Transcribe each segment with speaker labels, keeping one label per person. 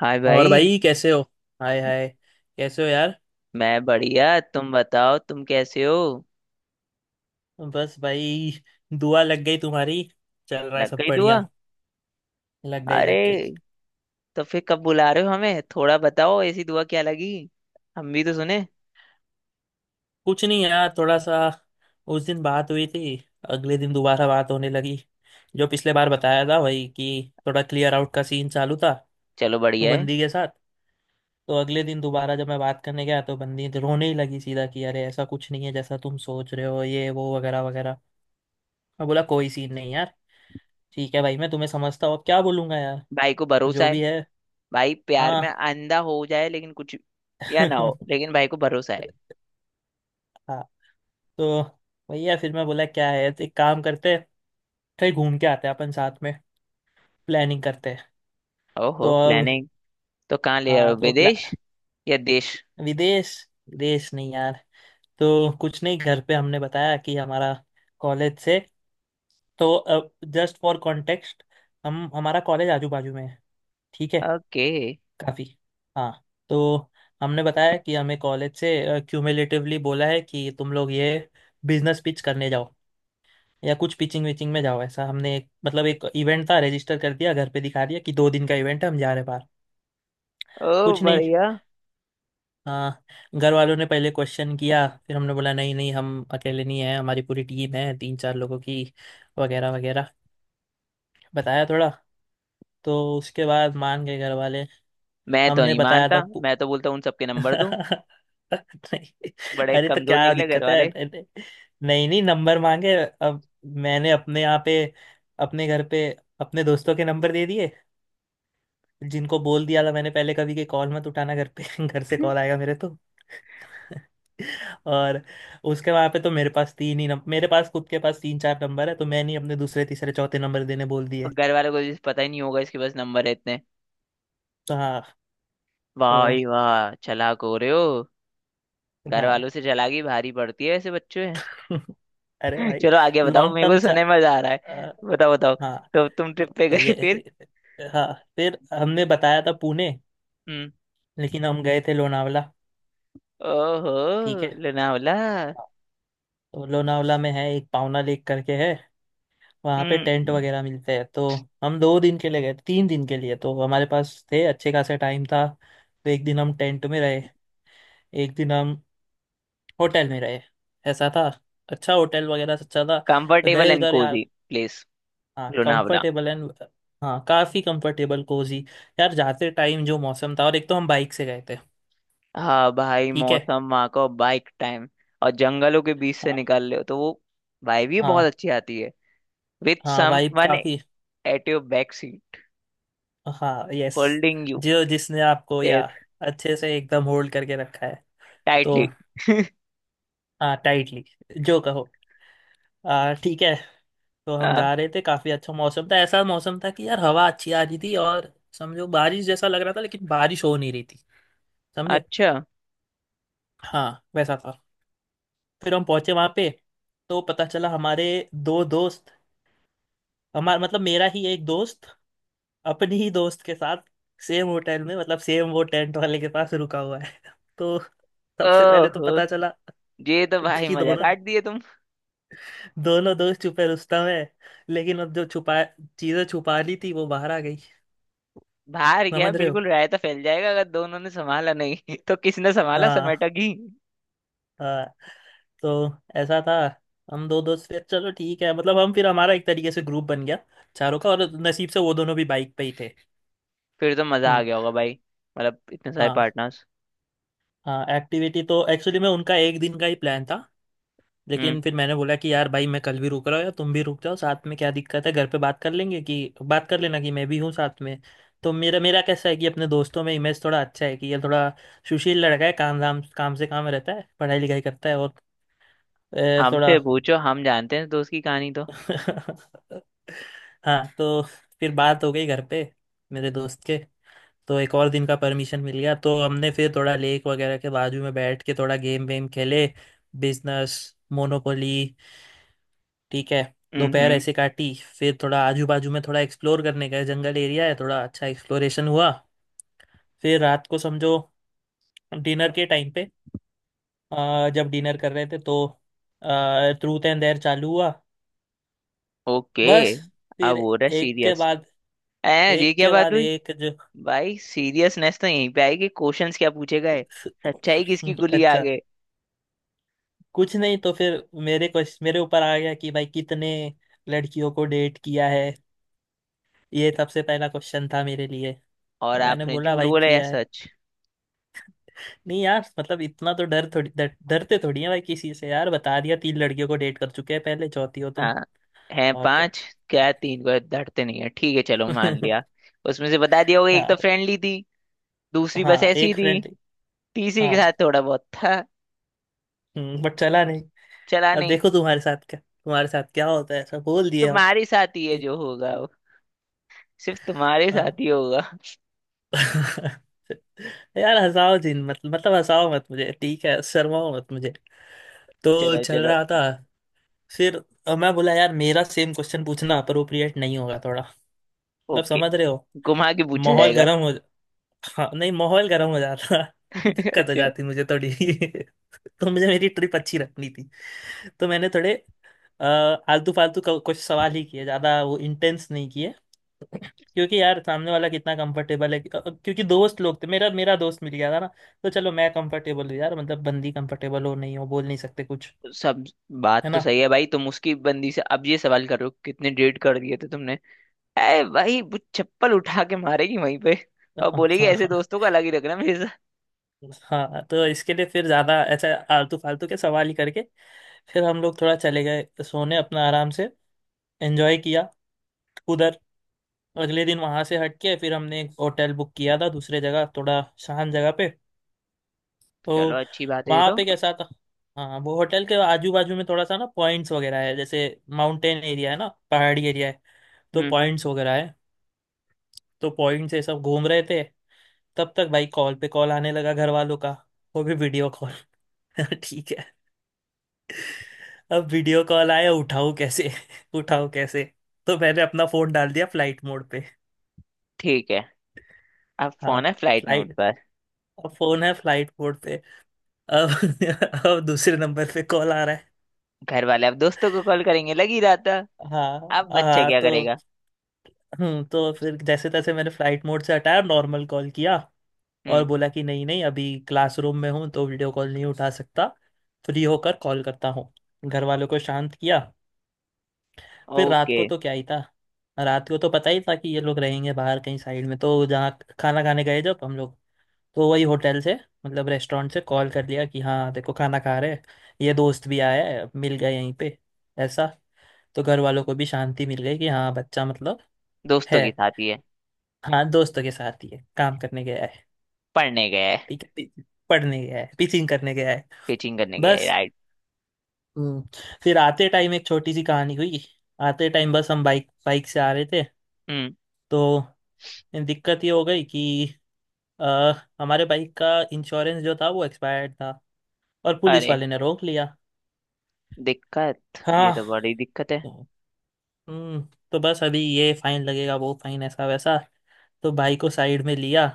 Speaker 1: हाय
Speaker 2: और
Speaker 1: भाई।
Speaker 2: भाई कैसे हो। हाय हाय। कैसे हो यार।
Speaker 1: मैं बढ़िया, तुम बताओ, तुम कैसे हो।
Speaker 2: बस भाई। दुआ लग गई तुम्हारी। चल रहा है
Speaker 1: लग
Speaker 2: सब
Speaker 1: गई दुआ।
Speaker 2: बढ़िया। लग गई
Speaker 1: अरे
Speaker 2: लग गई।
Speaker 1: तो फिर कब बुला रहे हो हमें, थोड़ा बताओ, ऐसी दुआ क्या लगी। हम भी तो सुने।
Speaker 2: कुछ नहीं यार, थोड़ा सा। उस दिन बात हुई थी, अगले दिन दोबारा बात होने लगी। जो पिछले बार बताया था वही, कि थोड़ा क्लियर आउट का सीन चालू था
Speaker 1: चलो बढ़िया है।
Speaker 2: बंदी के साथ। तो अगले दिन दोबारा जब मैं बात करने गया तो बंदी तो रोने ही लगी सीधा, कि अरे ऐसा कुछ नहीं है जैसा तुम सोच रहे हो, ये वो वगैरह वगैरह। मैं बोला कोई सीन नहीं यार, ठीक है भाई, मैं तुम्हें समझता हूँ, अब क्या बोलूंगा यार।
Speaker 1: भाई को भरोसा
Speaker 2: जो
Speaker 1: है।
Speaker 2: भी है।
Speaker 1: भाई प्यार में
Speaker 2: हाँ।
Speaker 1: अंधा हो जाए लेकिन कुछ या ना हो, लेकिन भाई को भरोसा है।
Speaker 2: हाँ। तो भैया फिर मैं बोला क्या है तो एक काम करते हैं, कहीं घूम के आते हैं अपन साथ में, प्लानिंग करते हैं।
Speaker 1: ओहो,
Speaker 2: तो अब,
Speaker 1: प्लानिंग। तो कहाँ ले रहे
Speaker 2: हाँ
Speaker 1: हो,
Speaker 2: तो प्ला
Speaker 1: विदेश या देश।
Speaker 2: विदेश। विदेश नहीं यार। तो कुछ नहीं, घर पे हमने बताया कि हमारा कॉलेज से। तो जस्ट फॉर कॉन्टेक्स्ट, हम हमारा कॉलेज आजू बाजू में है। ठीक है,
Speaker 1: ओके।
Speaker 2: काफी। हाँ। तो हमने बताया कि हमें कॉलेज से क्यूमुलेटिवली बोला है कि तुम लोग ये बिजनेस पिच करने जाओ या कुछ पिचिंग विचिंग में जाओ, ऐसा। हमने एक, मतलब एक इवेंट था, रजिस्टर कर दिया, घर पे दिखा दिया कि दो दिन का इवेंट है, हम जा रहे हैं बाहर।
Speaker 1: ओ
Speaker 2: कुछ नहीं।
Speaker 1: बढ़िया।
Speaker 2: हाँ। घर वालों ने पहले क्वेश्चन किया, फिर हमने बोला नहीं नहीं हम अकेले नहीं हैं, हमारी पूरी टीम है तीन चार लोगों की, वगैरह वगैरह बताया थोड़ा। तो उसके बाद मान गए घर वाले।
Speaker 1: मैं तो
Speaker 2: हमने
Speaker 1: नहीं
Speaker 2: बताया था।
Speaker 1: मानता, मैं तो बोलता हूँ उन सबके नंबर दो।
Speaker 2: नहीं।
Speaker 1: बड़े
Speaker 2: अरे तो
Speaker 1: कमजोर
Speaker 2: क्या
Speaker 1: निकले घर
Speaker 2: दिक्कत है,
Speaker 1: वाले।
Speaker 2: नहीं नहीं नंबर मांगे अब। मैंने अपने यहाँ पे, अपने घर पे, अपने दोस्तों के नंबर दे दिए, जिनको बोल दिया था मैंने पहले कभी कि कॉल मत उठाना, घर पे घर से कॉल आएगा मेरे तो। और उसके वहाँ पे, तो मेरे पास तीन ही नंबर, मेरे पास खुद के पास तीन चार नंबर है, तो मैंने ही अपने दूसरे तीसरे चौथे नंबर देने बोल दिए।
Speaker 1: और घर वालों को भी पता ही नहीं होगा इसके पास नंबर है इतने।
Speaker 2: तो हाँ।
Speaker 1: वाह भाई
Speaker 2: तो
Speaker 1: वाह, चालाक हो रहे हो। घर
Speaker 2: हाँ।
Speaker 1: वालों से चालाकी भारी पड़ती है ऐसे बच्चों में।
Speaker 2: अरे भाई।
Speaker 1: चलो आगे बताओ,
Speaker 2: लॉन्ग
Speaker 1: मेरे
Speaker 2: टर्म
Speaker 1: को
Speaker 2: चा
Speaker 1: सुनने में मजा आ रहा है,
Speaker 2: अ,
Speaker 1: बताओ बताओ।
Speaker 2: हाँ।
Speaker 1: तो तुम ट्रिप पे
Speaker 2: तो
Speaker 1: गए
Speaker 2: ये,
Speaker 1: फिर।
Speaker 2: हाँ फिर हमने बताया था पुणे,
Speaker 1: हम्म।
Speaker 2: लेकिन हम गए थे लोनावला।
Speaker 1: ओहो।
Speaker 2: ठीक है।
Speaker 1: लोनावला।
Speaker 2: तो लोनावला में है एक पावना लेक करके, है वहाँ पे टेंट
Speaker 1: हम्म।
Speaker 2: वगैरह मिलते हैं। तो हम दो दिन के लिए गए, तीन दिन के लिए तो हमारे पास थे, अच्छे खासे टाइम था। तो एक दिन हम टेंट में रहे, एक दिन हम होटल में रहे, ऐसा था। अच्छा होटल वगैरह अच्छा था।
Speaker 1: कंफर्टेबल
Speaker 2: गए
Speaker 1: एंड
Speaker 2: उधर यार।
Speaker 1: Cozi place.
Speaker 2: हाँ
Speaker 1: लोनावला।
Speaker 2: Comfortable and. हाँ काफ़ी कंफर्टेबल कोजी। यार जाते टाइम जो मौसम था, और एक तो हम बाइक से गए थे।
Speaker 1: हाँ भाई,
Speaker 2: ठीक।
Speaker 1: मौसम वहाँ का, बाइक टाइम। और जंगलों के बीच से
Speaker 2: है
Speaker 1: निकाल रहे हो तो वो भाई भी बहुत
Speaker 2: हाँ।
Speaker 1: अच्छी आती है। विथ
Speaker 2: हाँ
Speaker 1: सम
Speaker 2: वाइब
Speaker 1: वन
Speaker 2: काफी।
Speaker 1: एट योर बैक सीट,
Speaker 2: हाँ यस।
Speaker 1: होल्डिंग
Speaker 2: जो, जिसने आपको या
Speaker 1: यू
Speaker 2: अच्छे से एकदम होल्ड करके रखा है। तो
Speaker 1: टाइटली।
Speaker 2: हाँ टाइटली, जो कहो। ठीक है। तो हम
Speaker 1: हाँ।
Speaker 2: जा रहे थे, काफी अच्छा मौसम था। ऐसा मौसम था कि यार हवा अच्छी आ रही थी, और समझो बारिश जैसा लग रहा था लेकिन बारिश हो नहीं रही थी। समझे।
Speaker 1: अच्छा।
Speaker 2: हाँ वैसा था। फिर हम पहुंचे वहां पे, तो पता चला हमारे दो दोस्त हमारा, मतलब मेरा ही एक दोस्त अपनी ही दोस्त के साथ सेम होटल में, मतलब सेम वो टेंट वाले के पास रुका हुआ है। तो सबसे पहले तो
Speaker 1: ओहो,
Speaker 2: पता चला
Speaker 1: ये तो भाई
Speaker 2: कि
Speaker 1: मजा
Speaker 2: दोनों
Speaker 1: काट दिए तुम।
Speaker 2: दोनों दोस्त छुपे रुस्तम है, लेकिन अब जो छुपा चीजें छुपा ली थी वो बाहर आ गई।
Speaker 1: बाहर गया,
Speaker 2: समझ रहे हो।
Speaker 1: बिल्कुल रायता फैल जाएगा अगर दोनों ने संभाला नहीं। तो किसने संभाला
Speaker 2: हाँ।
Speaker 1: समेटा की।
Speaker 2: हाँ। तो ऐसा था, हम दो दोस्त, फिर चलो ठीक है, मतलब हम फिर हमारा एक तरीके से ग्रुप बन गया चारों का, और नसीब से वो दोनों भी बाइक पे ही थे।
Speaker 1: फिर तो मजा आ
Speaker 2: हम्म।
Speaker 1: गया होगा भाई। मतलब इतने सारे
Speaker 2: हाँ।
Speaker 1: पार्टनर्स।
Speaker 2: हाँ एक्टिविटी तो एक्चुअली में उनका एक दिन का ही प्लान था,
Speaker 1: हम्म।
Speaker 2: लेकिन फिर मैंने बोला कि यार भाई मैं कल भी रुक रहा हूँ, या तुम भी रुक जाओ साथ में, क्या दिक्कत है, घर पे बात कर लेंगे, कि बात कर लेना कि मैं भी हूँ साथ में। तो मेरा मेरा कैसा है कि अपने दोस्तों में इमेज थोड़ा अच्छा है, कि ये थोड़ा सुशील लड़का है, काम धाम, काम से काम रहता है, पढ़ाई लिखाई करता है, और
Speaker 1: हमसे
Speaker 2: थोड़ा।
Speaker 1: पूछो, हम जानते हैं दोस्त की कहानी तो।
Speaker 2: हाँ तो फिर बात हो गई घर पे, मेरे दोस्त के। तो एक और दिन का परमिशन मिल गया, तो हमने फिर थोड़ा लेक वगैरह के बाजू में बैठ के थोड़ा गेम वेम खेले, बिजनेस, मोनोपोली। ठीक है। दोपहर
Speaker 1: हम्म।
Speaker 2: ऐसे काटी। फिर थोड़ा आजू बाजू में थोड़ा एक्सप्लोर करने का है, जंगल एरिया है, थोड़ा अच्छा एक्सप्लोरेशन हुआ। फिर रात को समझो, डिनर के टाइम पे, जब डिनर कर रहे थे तो ट्रूथ एंड डेयर चालू हुआ।
Speaker 1: ओके।
Speaker 2: बस।
Speaker 1: अब
Speaker 2: फिर
Speaker 1: हो रहा है
Speaker 2: एक के
Speaker 1: सीरियस।
Speaker 2: बाद
Speaker 1: ए, ये
Speaker 2: एक
Speaker 1: क्या
Speaker 2: के
Speaker 1: बात
Speaker 2: बाद
Speaker 1: हुई।
Speaker 2: एक जो।
Speaker 1: भाई सीरियसनेस तो यहीं पे आएगी, क्वेश्चंस क्या पूछे गए, सच्चाई किसकी गुली आ
Speaker 2: अच्छा।
Speaker 1: गए।
Speaker 2: कुछ नहीं। तो फिर मेरे क्वेश्चन मेरे ऊपर आ गया कि भाई कितने लड़कियों को डेट किया है। ये सबसे पहला क्वेश्चन था मेरे लिए,
Speaker 1: और
Speaker 2: तो मैंने
Speaker 1: आपने
Speaker 2: बोला
Speaker 1: झूठ
Speaker 2: भाई
Speaker 1: बोला या
Speaker 2: किया है।
Speaker 1: सच।
Speaker 2: नहीं यार मतलब इतना तो डर, थोड़ी डरते थोड़ी है भाई किसी से यार। बता दिया तीन लड़कियों को डेट कर चुके हैं पहले, चौथी हो तुम।
Speaker 1: हाँ, हैं
Speaker 2: और क्या।
Speaker 1: पांच। क्या तीन को धरते नहीं है, ठीक है चलो मान लिया। उसमें से बता दिया होगा एक तो
Speaker 2: हाँ।
Speaker 1: फ्रेंडली थी, दूसरी बस
Speaker 2: हाँ
Speaker 1: ऐसी
Speaker 2: एक
Speaker 1: थी,
Speaker 2: फ्रेंड।
Speaker 1: तीसरी के
Speaker 2: हाँ
Speaker 1: साथ थोड़ा बहुत था,
Speaker 2: बट चला नहीं।
Speaker 1: चला
Speaker 2: अब
Speaker 1: नहीं।
Speaker 2: देखो तुम्हारे साथ क्या होता है, ऐसा बोल दिए हम।
Speaker 1: तुम्हारे साथ ही है जो होगा वो, सिर्फ तुम्हारे साथ
Speaker 2: हाँ।
Speaker 1: ही होगा।
Speaker 2: यार हंसाओ जिन मत, मतलब हंसाओ मत मुझे, ठीक है, शर्माओ मत मुझे। तो
Speaker 1: चलो
Speaker 2: चल
Speaker 1: चलो।
Speaker 2: रहा था। फिर मैं बोला यार मेरा सेम क्वेश्चन पूछना अप्रोप्रिएट नहीं होगा थोड़ा, मतलब
Speaker 1: ओके,
Speaker 2: समझ रहे हो।
Speaker 1: घुमा के पूछा
Speaker 2: माहौल
Speaker 1: जाएगा।
Speaker 2: गर्म हो। हाँ नहीं, माहौल गर्म हो जाता, दिक्कत हो
Speaker 1: अच्छा।
Speaker 2: जाती मुझे थोड़ी। तो मुझे मेरी ट्रिप अच्छी रखनी थी। तो मैंने थोड़े अ, आलतू फालतू कुछ सवाल ही किए, ज़्यादा वो इंटेंस नहीं किए। क्योंकि यार सामने वाला कितना कंफर्टेबल है, क्योंकि दोस्त लोग थे, मेरा मेरा दोस्त मिल गया था ना, तो चलो मैं कंफर्टेबल हूँ यार, मतलब बंदी कंफर्टेबल हो नहीं हो बोल नहीं सकते कुछ।
Speaker 1: सब बात
Speaker 2: है
Speaker 1: तो
Speaker 2: ना।
Speaker 1: सही है भाई, तुम उसकी बंदी से अब ये सवाल करो कितने डेट कर दिए थे तुमने। ए भाई, वो चप्पल उठा के मारेगी वहीं पे। और बोलेगी ऐसे दोस्तों का अलग ही रखना मेरे साथ।
Speaker 2: हाँ। हाँ तो इसके लिए फिर ज़्यादा ऐसा आलतू फालतू के सवाल ही करके फिर हम लोग थोड़ा चले गए सोने अपना आराम से। एंजॉय किया उधर। अगले दिन वहां से हट के फिर हमने एक होटल बुक किया था दूसरे जगह, थोड़ा शांत जगह पे।
Speaker 1: चलो
Speaker 2: तो
Speaker 1: अच्छी बात है ये
Speaker 2: वहां
Speaker 1: तो।
Speaker 2: पे कैसा था, हाँ वो होटल के आजू बाजू में थोड़ा सा ना पॉइंट्स वगैरह है, जैसे माउंटेन एरिया है ना, पहाड़ी एरिया है, तो
Speaker 1: हम्म।
Speaker 2: पॉइंट्स वगैरह है। तो पॉइंट्स ये सब घूम रहे थे, तब तक भाई कॉल पे कॉल आने लगा घर वालों का, वो भी वीडियो कॉल। ठीक है। अब वीडियो कॉल आया, उठाऊं कैसे, उठाऊं कैसे। तो मैंने अपना फोन डाल दिया फ्लाइट मोड पे।
Speaker 1: ठीक है, अब
Speaker 2: हाँ
Speaker 1: फोन है फ्लाइट मोड
Speaker 2: फ्लाइट।
Speaker 1: पर।
Speaker 2: अब फोन है फ्लाइट मोड पे। अब अब दूसरे नंबर पे कॉल आ रहा है।
Speaker 1: घर वाले अब दोस्तों को कॉल करेंगे लग ही रहा था।
Speaker 2: हाँ।
Speaker 1: अब बच्चा
Speaker 2: हाँ
Speaker 1: क्या करेगा।
Speaker 2: तो फिर जैसे तैसे मैंने फ्लाइट मोड से हटाया, नॉर्मल कॉल किया और
Speaker 1: हम्म।
Speaker 2: बोला कि नहीं नहीं अभी क्लासरूम में हूँ तो वीडियो कॉल नहीं उठा सकता, फ्री होकर कॉल करता हूँ। घर वालों को शांत किया। फिर रात
Speaker 1: ओके।
Speaker 2: को तो क्या ही था। रात को तो पता ही था कि ये लोग रहेंगे बाहर कहीं साइड में, तो जहाँ खाना खाने गए, जब हम लोग, तो वही होटल से मतलब रेस्टोरेंट से कॉल कर लिया कि हाँ देखो खाना खा रहे हैं, ये दोस्त भी आया है, मिल गए यहीं पे, ऐसा। तो घर वालों को भी शांति मिल गई कि हाँ बच्चा मतलब
Speaker 1: दोस्तों
Speaker 2: है।
Speaker 1: के साथ ही है।
Speaker 2: हाँ दोस्तों के साथ ही है, काम करने गया है।
Speaker 1: पढ़ने गया है।
Speaker 2: ठीक है, पढ़ने गया है, टीचिंग करने गया है।
Speaker 1: पिचिंग करने गया है,
Speaker 2: बस।
Speaker 1: राइट।
Speaker 2: हम्म, फिर आते टाइम एक छोटी सी कहानी हुई। आते टाइम बस हम बाइक बाइक से आ रहे थे।
Speaker 1: हम्म।
Speaker 2: तो दिक्कत ये हो गई कि अ, हमारे बाइक का इंश्योरेंस जो था वो एक्सपायर्ड था, और पुलिस
Speaker 1: अरे,
Speaker 2: वाले ने रोक लिया।
Speaker 1: दिक्कत ये
Speaker 2: हाँ।
Speaker 1: तो बड़ी दिक्कत है।
Speaker 2: तो, हम्म तो बस अभी ये फाइन लगेगा वो फाइन ऐसा वैसा। तो भाई को साइड में लिया,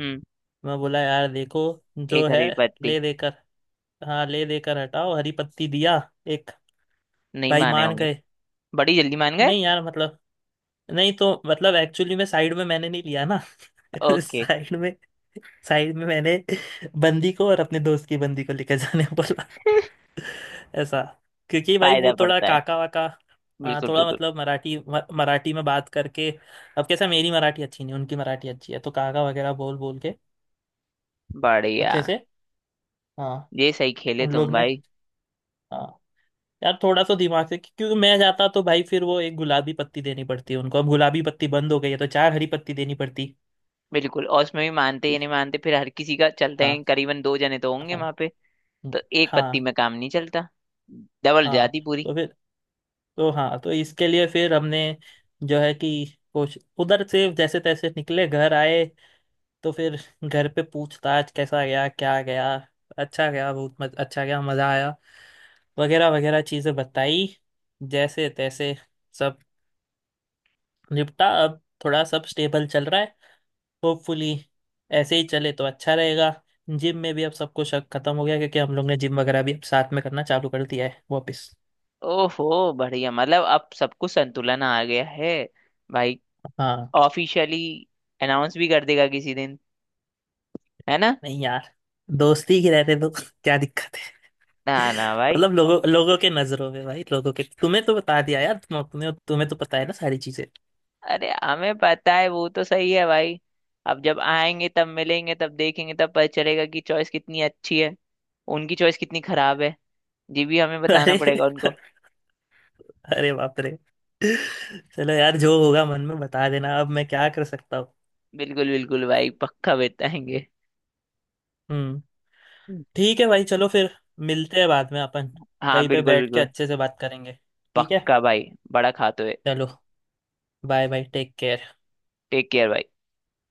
Speaker 1: हम्म।
Speaker 2: मैं बोला यार देखो जो
Speaker 1: एक
Speaker 2: है
Speaker 1: हरी पत्ती।
Speaker 2: ले देकर। हाँ ले देकर हटाओ, हरी पत्ती दिया एक।
Speaker 1: नहीं
Speaker 2: भाई
Speaker 1: माने
Speaker 2: मान
Speaker 1: होंगे।
Speaker 2: गए।
Speaker 1: बड़ी जल्दी मान गए।
Speaker 2: नहीं यार मतलब, नहीं तो मतलब एक्चुअली में साइड में मैंने नहीं लिया ना।
Speaker 1: ओके।
Speaker 2: साइड में साइड में मैंने बंदी को और अपने दोस्त की बंदी को लेकर जाने बोला, ऐसा। क्योंकि भाई वो
Speaker 1: फायदा
Speaker 2: थोड़ा
Speaker 1: पड़ता है,
Speaker 2: काका वाका। हाँ
Speaker 1: बिल्कुल
Speaker 2: थोड़ा
Speaker 1: बिल्कुल।
Speaker 2: मतलब मराठी, मराठी में बात करके। अब कैसा, मेरी मराठी अच्छी नहीं, उनकी मराठी अच्छी है, तो काका वगैरह बोल बोल के
Speaker 1: बढ़िया।
Speaker 2: अच्छे से। हाँ।
Speaker 1: ये सही खेले
Speaker 2: उन
Speaker 1: तुम
Speaker 2: लोग ने।
Speaker 1: भाई।
Speaker 2: हाँ। यार थोड़ा सा दिमाग से, क्योंकि मैं जाता तो भाई फिर वो एक गुलाबी पत्ती देनी पड़ती है उनको, अब गुलाबी पत्ती बंद हो गई है तो चार हरी पत्ती देनी पड़ती।
Speaker 1: बिल्कुल, और उसमें भी मानते या नहीं मानते फिर हर किसी का, चलते हैं
Speaker 2: हाँ।
Speaker 1: करीबन दो जने तो होंगे
Speaker 2: हाँ।
Speaker 1: वहां पे।
Speaker 2: हम्म,
Speaker 1: तो एक पत्ती
Speaker 2: हाँ।
Speaker 1: में काम नहीं चलता। डबल
Speaker 2: हाँ।
Speaker 1: जाती पूरी।
Speaker 2: तो फिर, तो हाँ तो इसके लिए फिर हमने जो है कि कुछ उधर से जैसे तैसे निकले, घर आए। तो फिर घर पे पूछताछ, कैसा गया क्या गया, अच्छा गया बहुत अच्छा गया, मज़ा आया, वगैरह वगैरह चीज़ें बताई, जैसे तैसे। सब निपटा अब, थोड़ा सब स्टेबल चल रहा है होपफुली, ऐसे ही चले तो अच्छा रहेगा। जिम में भी अब सबको शक खत्म हो गया, क्योंकि हम लोग ने जिम वगैरह भी अब साथ में करना चालू कर दिया है वापस।
Speaker 1: ओहो बढ़िया, मतलब अब सब कुछ संतुलन आ गया है भाई।
Speaker 2: हाँ।
Speaker 1: ऑफिशियली अनाउंस भी कर देगा किसी दिन, है ना।
Speaker 2: नहीं यार, दोस्ती की रहते तो क्या दिक्कत है।
Speaker 1: ना ना भाई।
Speaker 2: मतलब लोगों लोगों के नजरों में, भाई लोगों के, तुम्हें तो बता दिया यार, तुम्हें तो पता है ना सारी चीजें।
Speaker 1: अरे हमें पता है, वो तो सही है भाई। अब जब आएंगे तब मिलेंगे, तब देखेंगे, तब पता चलेगा कि चॉइस कितनी अच्छी है। उनकी चॉइस कितनी खराब है ये भी हमें बताना
Speaker 2: अरे।
Speaker 1: पड़ेगा उनको।
Speaker 2: अरे बाप रे। चलो यार, जो होगा मन में बता देना, अब मैं क्या कर सकता हूँ।
Speaker 1: बिल्कुल बिल्कुल भाई, पक्का बताएंगे।
Speaker 2: हम्म। ठीक है भाई, चलो फिर, मिलते हैं बाद में अपन
Speaker 1: हाँ
Speaker 2: कहीं पे
Speaker 1: बिल्कुल
Speaker 2: बैठ के
Speaker 1: बिल्कुल।
Speaker 2: अच्छे से बात करेंगे, ठीक है।
Speaker 1: पक्का भाई, बड़ा खाते हुए।
Speaker 2: चलो। Bye bye, take care.
Speaker 1: Take care भाई।